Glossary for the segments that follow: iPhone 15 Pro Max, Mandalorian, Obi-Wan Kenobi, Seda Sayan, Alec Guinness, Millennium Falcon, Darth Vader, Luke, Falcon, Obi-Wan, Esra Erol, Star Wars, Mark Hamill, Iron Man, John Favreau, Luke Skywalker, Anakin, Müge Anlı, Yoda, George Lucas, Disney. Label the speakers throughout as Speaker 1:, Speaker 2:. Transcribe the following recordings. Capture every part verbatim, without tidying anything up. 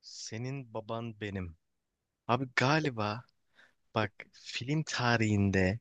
Speaker 1: Senin baban benim. Abi galiba bak, film tarihinde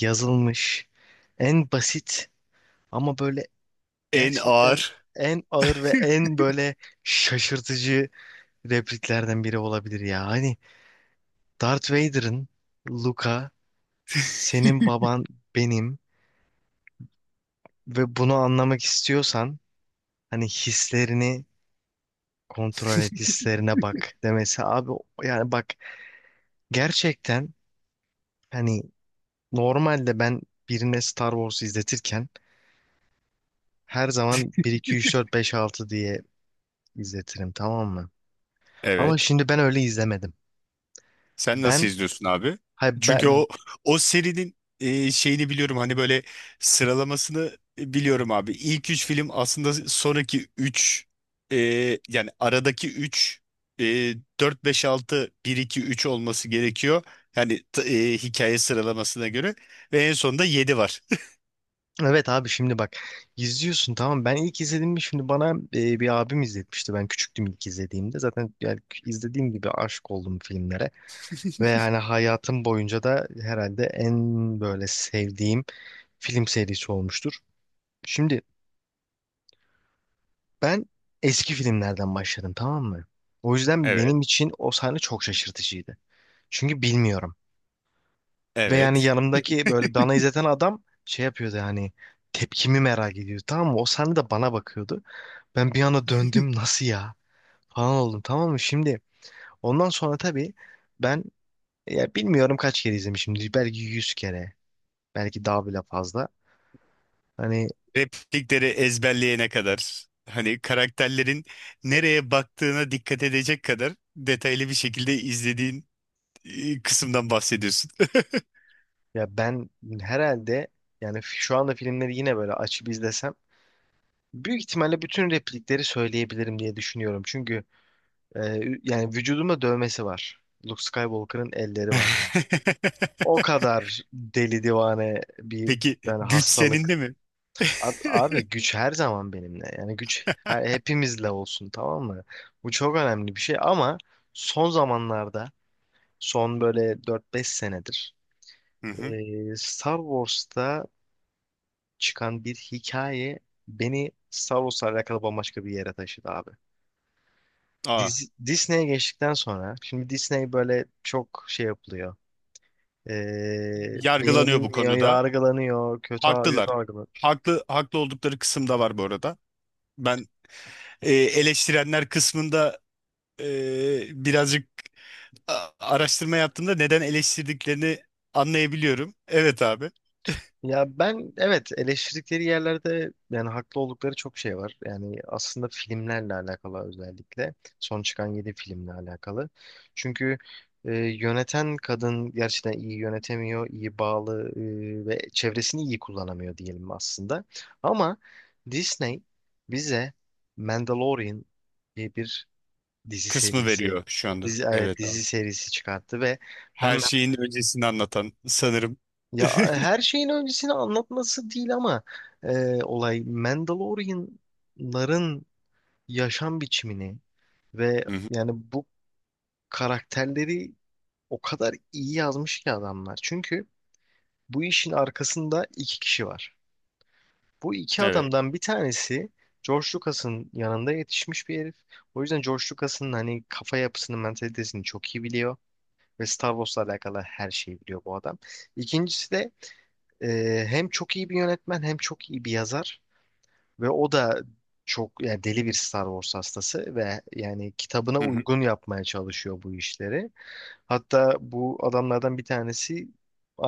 Speaker 1: yazılmış en basit ama böyle
Speaker 2: En
Speaker 1: gerçekten
Speaker 2: ağır.
Speaker 1: en ağır ve en böyle şaşırtıcı repliklerden biri olabilir ya. Hani Darth Vader'ın "Luka, senin baban benim ve bunu anlamak istiyorsan hani hislerini kontrol et, hislerine bak" demesi abi, yani bak gerçekten. Hani normalde ben birine Star Wars izletirken her zaman bir iki üç dört beş altı diye izletirim, tamam mı? Ama
Speaker 2: Evet.
Speaker 1: şimdi ben öyle izlemedim.
Speaker 2: Sen nasıl
Speaker 1: Ben,
Speaker 2: izliyorsun abi?
Speaker 1: hayır
Speaker 2: Çünkü
Speaker 1: ben,
Speaker 2: o o serinin e, şeyini biliyorum hani böyle sıralamasını e, biliyorum abi. İlk üç film aslında sonraki üç e, yani aradaki üç e, dört, beş, altı, bir, iki, üç olması gerekiyor. Yani t- e, hikaye sıralamasına göre. Ve en sonunda yedi var.
Speaker 1: evet abi şimdi bak, izliyorsun tamam, ben ilk izlediğimde, şimdi bana e, bir abim izletmişti, ben küçüktüm ilk izlediğimde zaten, yani izlediğim gibi aşık oldum filmlere ve hani hayatım boyunca da herhalde en böyle sevdiğim film serisi olmuştur. Şimdi ben eski filmlerden başladım, tamam mı? O yüzden
Speaker 2: Evet.
Speaker 1: benim için o sahne çok şaşırtıcıydı. Çünkü bilmiyorum. Ve yani
Speaker 2: Evet.
Speaker 1: yanımdaki böyle bana izleten adam şey yapıyordu, yani tepkimi merak ediyordu tamam mı? O sahne de bana bakıyordu. Ben bir anda döndüm, nasıl ya falan oldum, tamam mı? Şimdi ondan sonra tabii ben, ya bilmiyorum kaç kere izlemişimdir. Belki yüz kere. Belki daha bile fazla. Hani
Speaker 2: Replikleri ezberleyene kadar hani karakterlerin nereye baktığına dikkat edecek kadar detaylı bir şekilde izlediğin e, kısımdan bahsediyorsun.
Speaker 1: ya ben herhalde, yani şu anda filmleri yine böyle açıp izlesem büyük ihtimalle bütün replikleri söyleyebilirim diye düşünüyorum. Çünkü e, yani vücudumda dövmesi var. Luke Skywalker'ın elleri var yani. O kadar deli divane bir
Speaker 2: Peki
Speaker 1: yani
Speaker 2: güç senin
Speaker 1: hastalık.
Speaker 2: de mi?
Speaker 1: A- Abi güç her zaman benimle. Yani güç her- hepimizle olsun, tamam mı? Bu çok önemli bir şey ama son zamanlarda, son böyle dört beş senedir
Speaker 2: Hı hı.
Speaker 1: e, Star Wars'ta çıkan bir hikaye beni Star Wars'la alakalı bambaşka bir yere taşıdı abi.
Speaker 2: Aa,
Speaker 1: Dizi- Disney'e geçtikten sonra şimdi Disney böyle çok şey yapılıyor. Ee,
Speaker 2: yargılanıyor bu
Speaker 1: beğenilmiyor,
Speaker 2: konuda.
Speaker 1: yargılanıyor, kötü
Speaker 2: Haklılar.
Speaker 1: kötü.
Speaker 2: Haklı haklı oldukları kısım da var bu arada. Ben e, eleştirenler kısmında e, birazcık a- araştırma yaptığımda neden eleştirdiklerini anlayabiliyorum. Evet abi.
Speaker 1: Ya ben evet, eleştirdikleri yerlerde yani haklı oldukları çok şey var. Yani aslında filmlerle alakalı, özellikle son çıkan yedi filmle alakalı. Çünkü e, yöneten kadın gerçekten iyi yönetemiyor, iyi bağlı e, ve çevresini iyi kullanamıyor diyelim aslında. Ama Disney bize Mandalorian diye bir dizi
Speaker 2: Kısmı
Speaker 1: serisi,
Speaker 2: veriyor şu anda.
Speaker 1: dizi, evet
Speaker 2: Evet abi.
Speaker 1: dizi serisi çıkarttı ve
Speaker 2: Her
Speaker 1: ben,
Speaker 2: şeyin öncesini anlatan sanırım.
Speaker 1: ya e, her şeyin öncesini anlatması değil ama e, olay Mandalorianların yaşam biçimini ve
Speaker 2: Hı hı.
Speaker 1: yani bu karakterleri o kadar iyi yazmış ki adamlar. Çünkü bu işin arkasında iki kişi var. Bu iki
Speaker 2: Evet.
Speaker 1: adamdan bir tanesi George Lucas'ın yanında yetişmiş bir herif. O yüzden George Lucas'ın hani kafa yapısını, mentalitesini çok iyi biliyor ve Star Wars'la alakalı her şeyi biliyor bu adam. İkincisi de Ee, hem çok iyi bir yönetmen hem çok iyi bir yazar ve o da çok yani deli bir Star Wars hastası ve yani kitabına
Speaker 2: Hı hı.
Speaker 1: uygun yapmaya çalışıyor bu işleri. Hatta bu adamlardan bir tanesi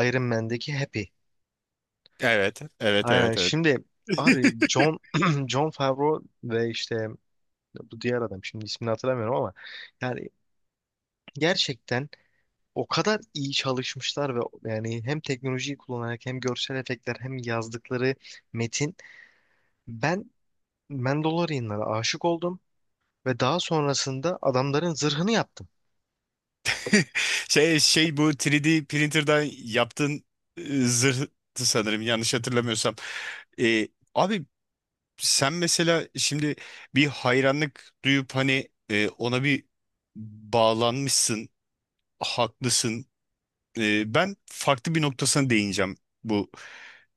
Speaker 1: Iron Man'deki Happy.
Speaker 2: Evet. Evet.
Speaker 1: Aynen.
Speaker 2: Evet. Evet.
Speaker 1: Şimdi abi John John Favreau ve işte bu diğer adam, şimdi ismini hatırlamıyorum ama yani gerçekten o kadar iyi çalışmışlar ve yani hem teknolojiyi kullanarak hem görsel efektler hem yazdıkları metin, ben Mandalorianlara aşık oldum ve daha sonrasında adamların zırhını yaptım.
Speaker 2: Şey şey bu üç D printer'dan yaptığın e, zırhtı sanırım yanlış hatırlamıyorsam. E, Abi sen mesela şimdi bir hayranlık duyup hani e, ona bir bağlanmışsın, haklısın. Ee, ben farklı bir noktasına değineceğim bu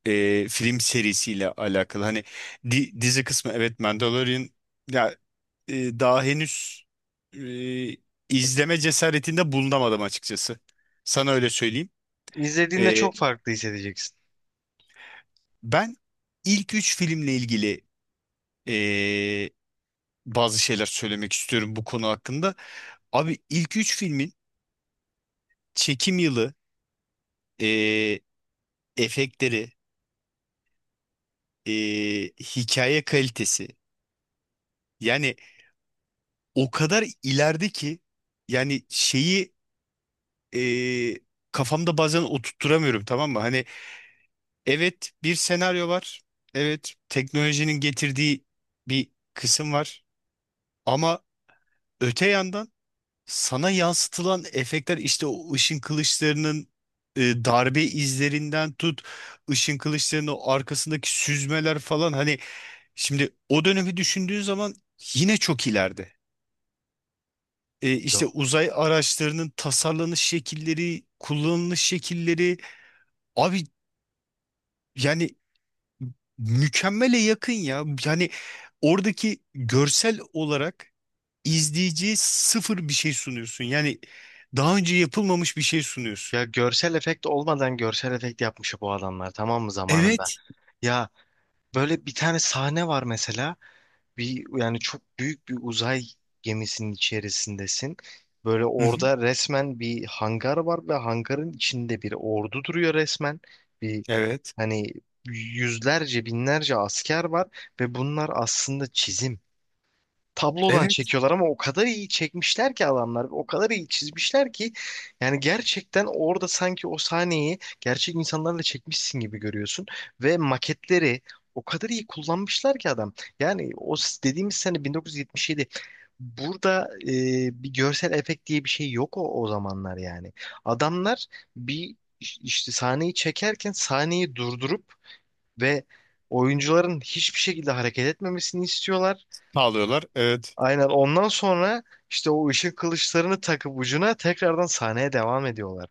Speaker 2: e, film serisiyle alakalı. Hani di- dizi kısmı evet Mandalorian ya e, daha henüz e, izleme cesaretinde bulunamadım açıkçası. Sana öyle söyleyeyim.
Speaker 1: İzlediğinde
Speaker 2: Ee,
Speaker 1: çok farklı hissedeceksin.
Speaker 2: Ben ilk üç filmle ilgili e, bazı şeyler söylemek istiyorum bu konu hakkında. Abi ilk üç filmin çekim yılı, e, efektleri, e, hikaye kalitesi. Yani o kadar ileride ki yani şeyi e, kafamda bazen oturtturamıyorum tamam mı? Hani evet bir senaryo var. Evet teknolojinin getirdiği bir kısım var. Ama öte yandan sana yansıtılan efektler işte o ışın kılıçlarının e, darbe izlerinden tut, ışın kılıçlarının o arkasındaki süzmeler falan, hani şimdi o dönemi düşündüğün zaman yine çok ileride. e,
Speaker 1: Ya,
Speaker 2: işte uzay araçlarının tasarlanış şekilleri, kullanılış şekilleri, abi yani mükemmele yakın ya. Yani oradaki görsel olarak izleyiciye sıfır bir şey sunuyorsun. Yani daha önce yapılmamış bir şey sunuyorsun.
Speaker 1: ya görsel efekt olmadan görsel efekt yapmış bu adamlar, tamam mı, zamanında?
Speaker 2: Evet.
Speaker 1: Ya böyle bir tane sahne var mesela. Bir, yani çok büyük bir uzay gemisinin içerisindesin. Böyle
Speaker 2: Hı hı.
Speaker 1: orada resmen bir hangar var ve hangarın içinde bir ordu duruyor resmen. Bir
Speaker 2: Evet.
Speaker 1: hani yüzlerce binlerce asker var ve bunlar aslında çizim. Tablodan
Speaker 2: Evet.
Speaker 1: çekiyorlar ama o kadar iyi çekmişler ki adamlar, o kadar iyi çizmişler ki yani gerçekten orada sanki o sahneyi gerçek insanlarla çekmişsin gibi görüyorsun ve maketleri o kadar iyi kullanmışlar ki adam. Yani o s- dediğimiz sene bin dokuz yüz yetmiş yedi. Burada e, bir görsel efekt diye bir şey yok o, o zamanlar yani. Adamlar bir iş- işte sahneyi çekerken sahneyi durdurup ve oyuncuların hiçbir şekilde hareket etmemesini istiyorlar.
Speaker 2: Sağlıyorlar. Evet.
Speaker 1: Aynen, ondan sonra işte o ışık kılıçlarını takıp ucuna tekrardan sahneye devam ediyorlar.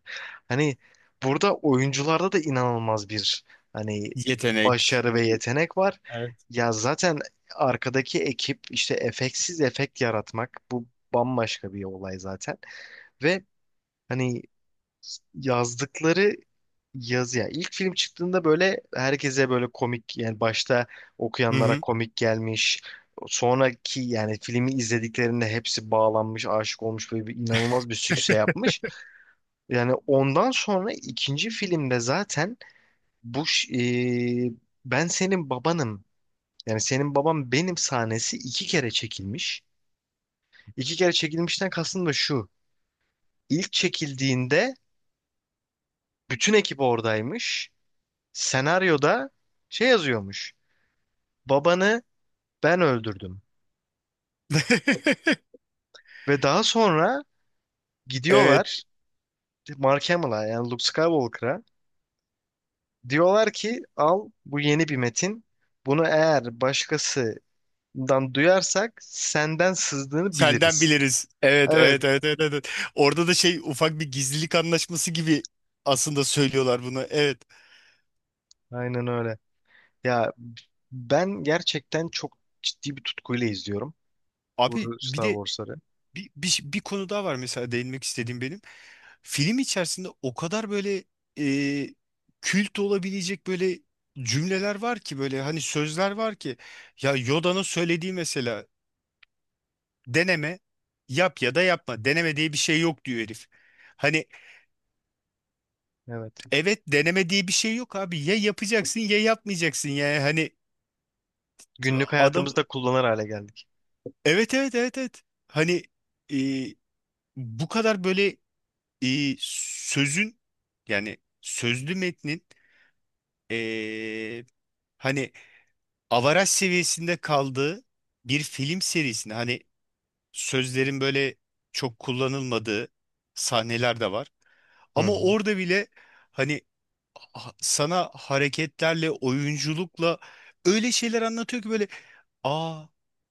Speaker 1: Hani burada oyuncularda da inanılmaz bir hani
Speaker 2: Yetenek.
Speaker 1: başarı ve
Speaker 2: Evet.
Speaker 1: yetenek var.
Speaker 2: Evet.
Speaker 1: Ya zaten arkadaki ekip işte efektsiz efekt yaratmak, bu bambaşka bir olay zaten. Ve hani yazdıkları yazı, ya ilk film çıktığında böyle herkese böyle komik, yani başta
Speaker 2: Hı
Speaker 1: okuyanlara
Speaker 2: hı.
Speaker 1: komik gelmiş. Sonraki yani filmi izlediklerinde hepsi bağlanmış, aşık olmuş, böyle bir inanılmaz bir sükse yapmış. Yani ondan sonra ikinci filmde zaten bu ş- e, ben senin babanım. Yani senin babam benim sahnesi iki kere çekilmiş. İki kere çekilmişten kastım da şu. İlk çekildiğinde bütün ekip oradaymış. Senaryoda şey yazıyormuş. Babanı ben öldürdüm. Ve daha sonra
Speaker 2: Evet.
Speaker 1: gidiyorlar Mark Hamill'a, yani Luke Skywalker'a. Diyorlar ki, al bu yeni bir metin. Bunu eğer başkasından duyarsak, senden sızdığını
Speaker 2: Senden
Speaker 1: biliriz.
Speaker 2: biliriz. Evet,
Speaker 1: Evet,
Speaker 2: evet, evet, evet, evet. Orada da şey ufak bir gizlilik anlaşması gibi aslında söylüyorlar bunu. Evet.
Speaker 1: aynen öyle. Ya ben gerçekten çok ciddi bir tutkuyla izliyorum
Speaker 2: Abi
Speaker 1: bu
Speaker 2: bir
Speaker 1: Star
Speaker 2: de
Speaker 1: Wars'ları.
Speaker 2: bir, bir, bir konu daha var mesela değinmek istediğim benim. Film içerisinde o kadar böyle e, kült olabilecek böyle cümleler var ki, böyle hani sözler var ki, ya Yoda'nın söylediği mesela, deneme yap ya da yapma. Deneme diye bir şey yok diyor herif. Hani
Speaker 1: Evet.
Speaker 2: evet, deneme diye bir şey yok abi. Ya yapacaksın ya yapmayacaksın yani hani.
Speaker 1: Günlük
Speaker 2: Adam
Speaker 1: hayatımızda kullanır hale geldik.
Speaker 2: evet evet evet evet. Hani e, bu kadar böyle e, sözün yani sözlü metnin e, hani avaraj seviyesinde kaldığı bir film serisinde, hani sözlerin böyle çok kullanılmadığı sahneler de var.
Speaker 1: Hı
Speaker 2: Ama
Speaker 1: hı.
Speaker 2: orada bile hani ha- sana hareketlerle, oyunculukla öyle şeyler anlatıyor ki böyle, aa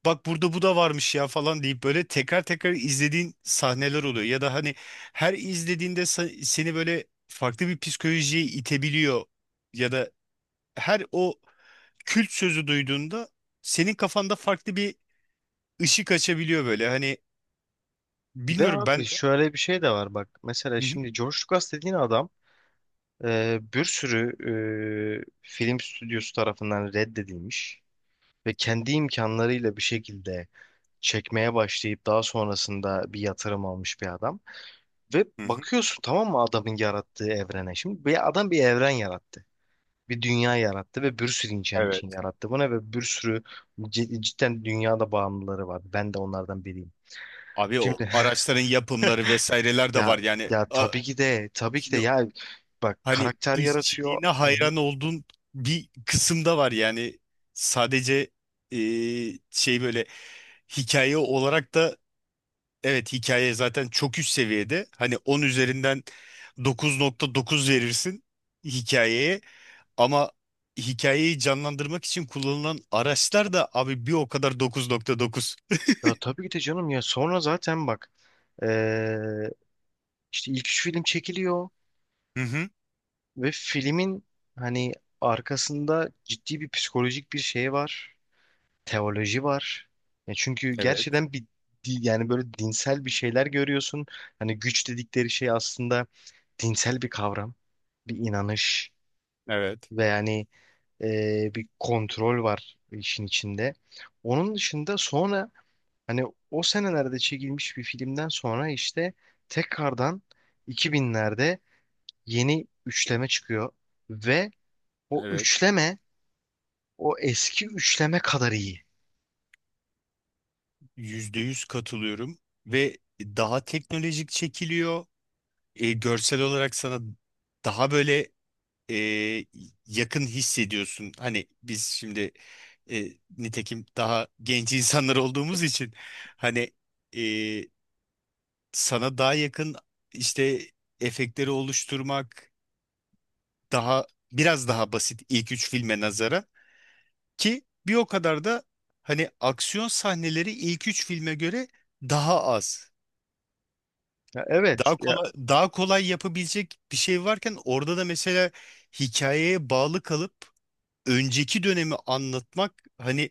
Speaker 2: bak burada bu da varmış ya falan deyip böyle tekrar tekrar izlediğin sahneler oluyor. Ya da hani her izlediğinde sa- seni böyle farklı bir psikolojiye itebiliyor. Ya da her o kült sözü duyduğunda senin kafanda farklı bir ışık açabiliyor böyle. Hani
Speaker 1: Ve
Speaker 2: bilmiyorum
Speaker 1: abi
Speaker 2: ben...
Speaker 1: şöyle bir şey de var, bak. Mesela
Speaker 2: Hı hı.
Speaker 1: şimdi George Lucas dediğin adam e, bir sürü e, film stüdyosu tarafından reddedilmiş ve kendi imkanlarıyla bir şekilde çekmeye başlayıp daha sonrasında bir yatırım almış bir adam. Ve
Speaker 2: Hı hı.
Speaker 1: bakıyorsun tamam mı, adamın yarattığı evrene. Şimdi bir adam bir evren yarattı. Bir dünya yarattı ve bir sürü insan için
Speaker 2: Evet.
Speaker 1: yarattı bunu ve bir sürü cid- cidden dünyada bağımlıları var. Ben de onlardan biriyim.
Speaker 2: Abi o
Speaker 1: Şimdi
Speaker 2: araçların yapımları vesaireler de
Speaker 1: ya,
Speaker 2: var yani.
Speaker 1: ya
Speaker 2: A-
Speaker 1: tabii ki de, tabii ki de, ya bak
Speaker 2: hani
Speaker 1: karakter yaratıyor.
Speaker 2: işçiliğine
Speaker 1: Hı hı.
Speaker 2: hayran olduğun bir kısımda var yani. Sadece e, şey böyle hikaye olarak da, evet, hikaye zaten çok üst seviyede, hani on üzerinden dokuz nokta dokuz verirsin hikayeye, ama hikayeyi canlandırmak için kullanılan araçlar da abi bir o kadar dokuz nokta dokuz.
Speaker 1: Ya tabii ki de canım ya, sonra zaten bak eee, işte ilk üç film çekiliyor
Speaker 2: Hı hı.
Speaker 1: ve filmin hani arkasında ciddi bir psikolojik bir şey var. Teoloji var. Ya çünkü
Speaker 2: Evet,
Speaker 1: gerçekten bir di- yani böyle dinsel bir şeyler görüyorsun. Hani güç dedikleri şey aslında dinsel bir kavram, bir inanış
Speaker 2: evet,
Speaker 1: ve yani e, bir kontrol var işin içinde. Onun dışında sonra hani o senelerde çekilmiş bir filmden sonra işte tekrardan iki binlerde yeni üçleme çıkıyor ve o
Speaker 2: evet.
Speaker 1: üçleme o eski üçleme kadar iyi.
Speaker 2: Yüzde yüz katılıyorum ve daha teknolojik çekiliyor. E, görsel olarak sana daha böyle e, yakın hissediyorsun. Hani biz şimdi e, nitekim daha genç insanlar olduğumuz için hani e, sana daha yakın işte efektleri oluşturmak daha biraz daha basit, ilk üç filme nazara ki bir o kadar da hani aksiyon sahneleri ilk üç filme göre daha az.
Speaker 1: Ya evet
Speaker 2: Daha
Speaker 1: ya,
Speaker 2: kolay, daha kolay yapabilecek bir şey varken orada da mesela hikayeye bağlı kalıp önceki dönemi anlatmak hani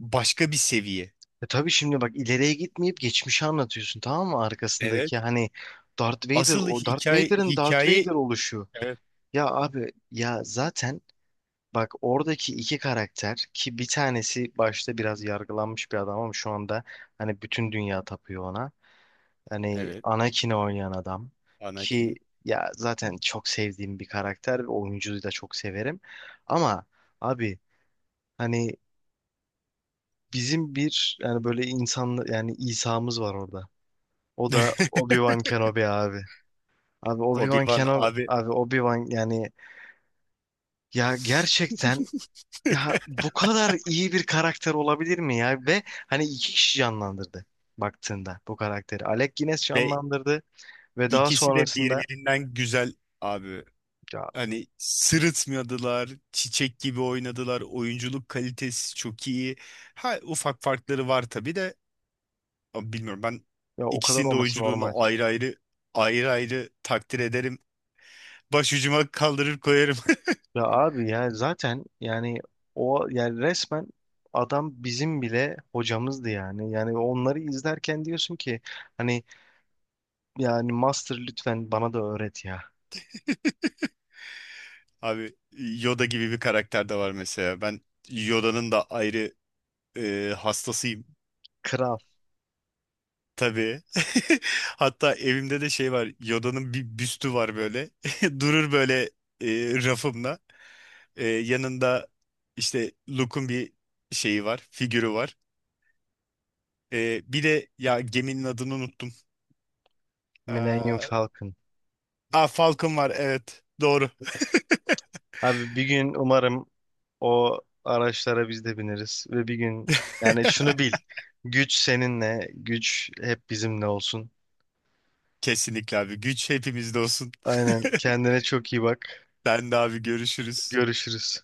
Speaker 2: başka bir seviye.
Speaker 1: e tabii şimdi bak, ileriye gitmeyip geçmişi anlatıyorsun tamam mı,
Speaker 2: Evet.
Speaker 1: arkasındaki hani Darth Vader,
Speaker 2: Asıl
Speaker 1: o Darth
Speaker 2: hikaye
Speaker 1: Vader'ın Darth
Speaker 2: hikaye.
Speaker 1: Vader oluşu.
Speaker 2: Evet.
Speaker 1: Ya abi ya zaten, bak oradaki iki karakter ki bir tanesi başta biraz yargılanmış bir adam ama şu anda hani bütün dünya tapıyor ona. Hani
Speaker 2: Evet.
Speaker 1: Anakin'i oynayan adam ki
Speaker 2: Anakin.
Speaker 1: ya zaten çok sevdiğim bir karakter ve oyuncuyu da çok severim. Ama abi hani bizim bir yani böyle insan yani İsa'mız var orada. O da Obi-Wan Kenobi abi. Abi Obi-Wan
Speaker 2: Obi-Wan
Speaker 1: Kenobi
Speaker 2: abi,
Speaker 1: abi, Obi-Wan yani, ya gerçekten. Ya bu kadar iyi bir karakter olabilir mi ya? Ve hani iki kişi canlandırdı baktığında bu karakteri. Alec Guinness
Speaker 2: ve
Speaker 1: canlandırdı ve daha
Speaker 2: ikisi de
Speaker 1: sonrasında
Speaker 2: birbirinden güzel abi.
Speaker 1: ya,
Speaker 2: Hani sırıtmadılar, çiçek gibi oynadılar, oyunculuk kalitesi çok iyi. Ha, ufak farkları var tabii de. Ama bilmiyorum, ben
Speaker 1: ya o kadar
Speaker 2: ikisinin de
Speaker 1: olması normal.
Speaker 2: oyunculuğunu ayrı ayrı ayrı ayrı takdir ederim. Başucuma kaldırır koyarım.
Speaker 1: Ya abi ya zaten yani o yani resmen adam bizim bile hocamızdı yani. Yani onları izlerken diyorsun ki hani yani Master lütfen bana da öğret ya.
Speaker 2: Abi Yoda gibi bir karakter de var mesela. Ben Yoda'nın da ayrı e, hastasıyım
Speaker 1: Kral,
Speaker 2: tabii. Hatta evimde de şey var. Yoda'nın bir büstü var böyle. Durur böyle e, rafımda. Ee, yanında işte Luke'un bir şeyi var, figürü var. Ee, bir de ya geminin adını unuttum.
Speaker 1: Millennium
Speaker 2: Ee,
Speaker 1: Falcon.
Speaker 2: aa, Falcon var, evet. Doğru.
Speaker 1: Abi bir gün umarım o araçlara biz de bineriz ve bir gün yani şunu bil. Güç seninle, güç hep bizimle olsun.
Speaker 2: Kesinlikle abi. Güç hepimizde olsun.
Speaker 1: Aynen. Kendine çok iyi bak.
Speaker 2: Ben de abi, görüşürüz.
Speaker 1: Görüşürüz.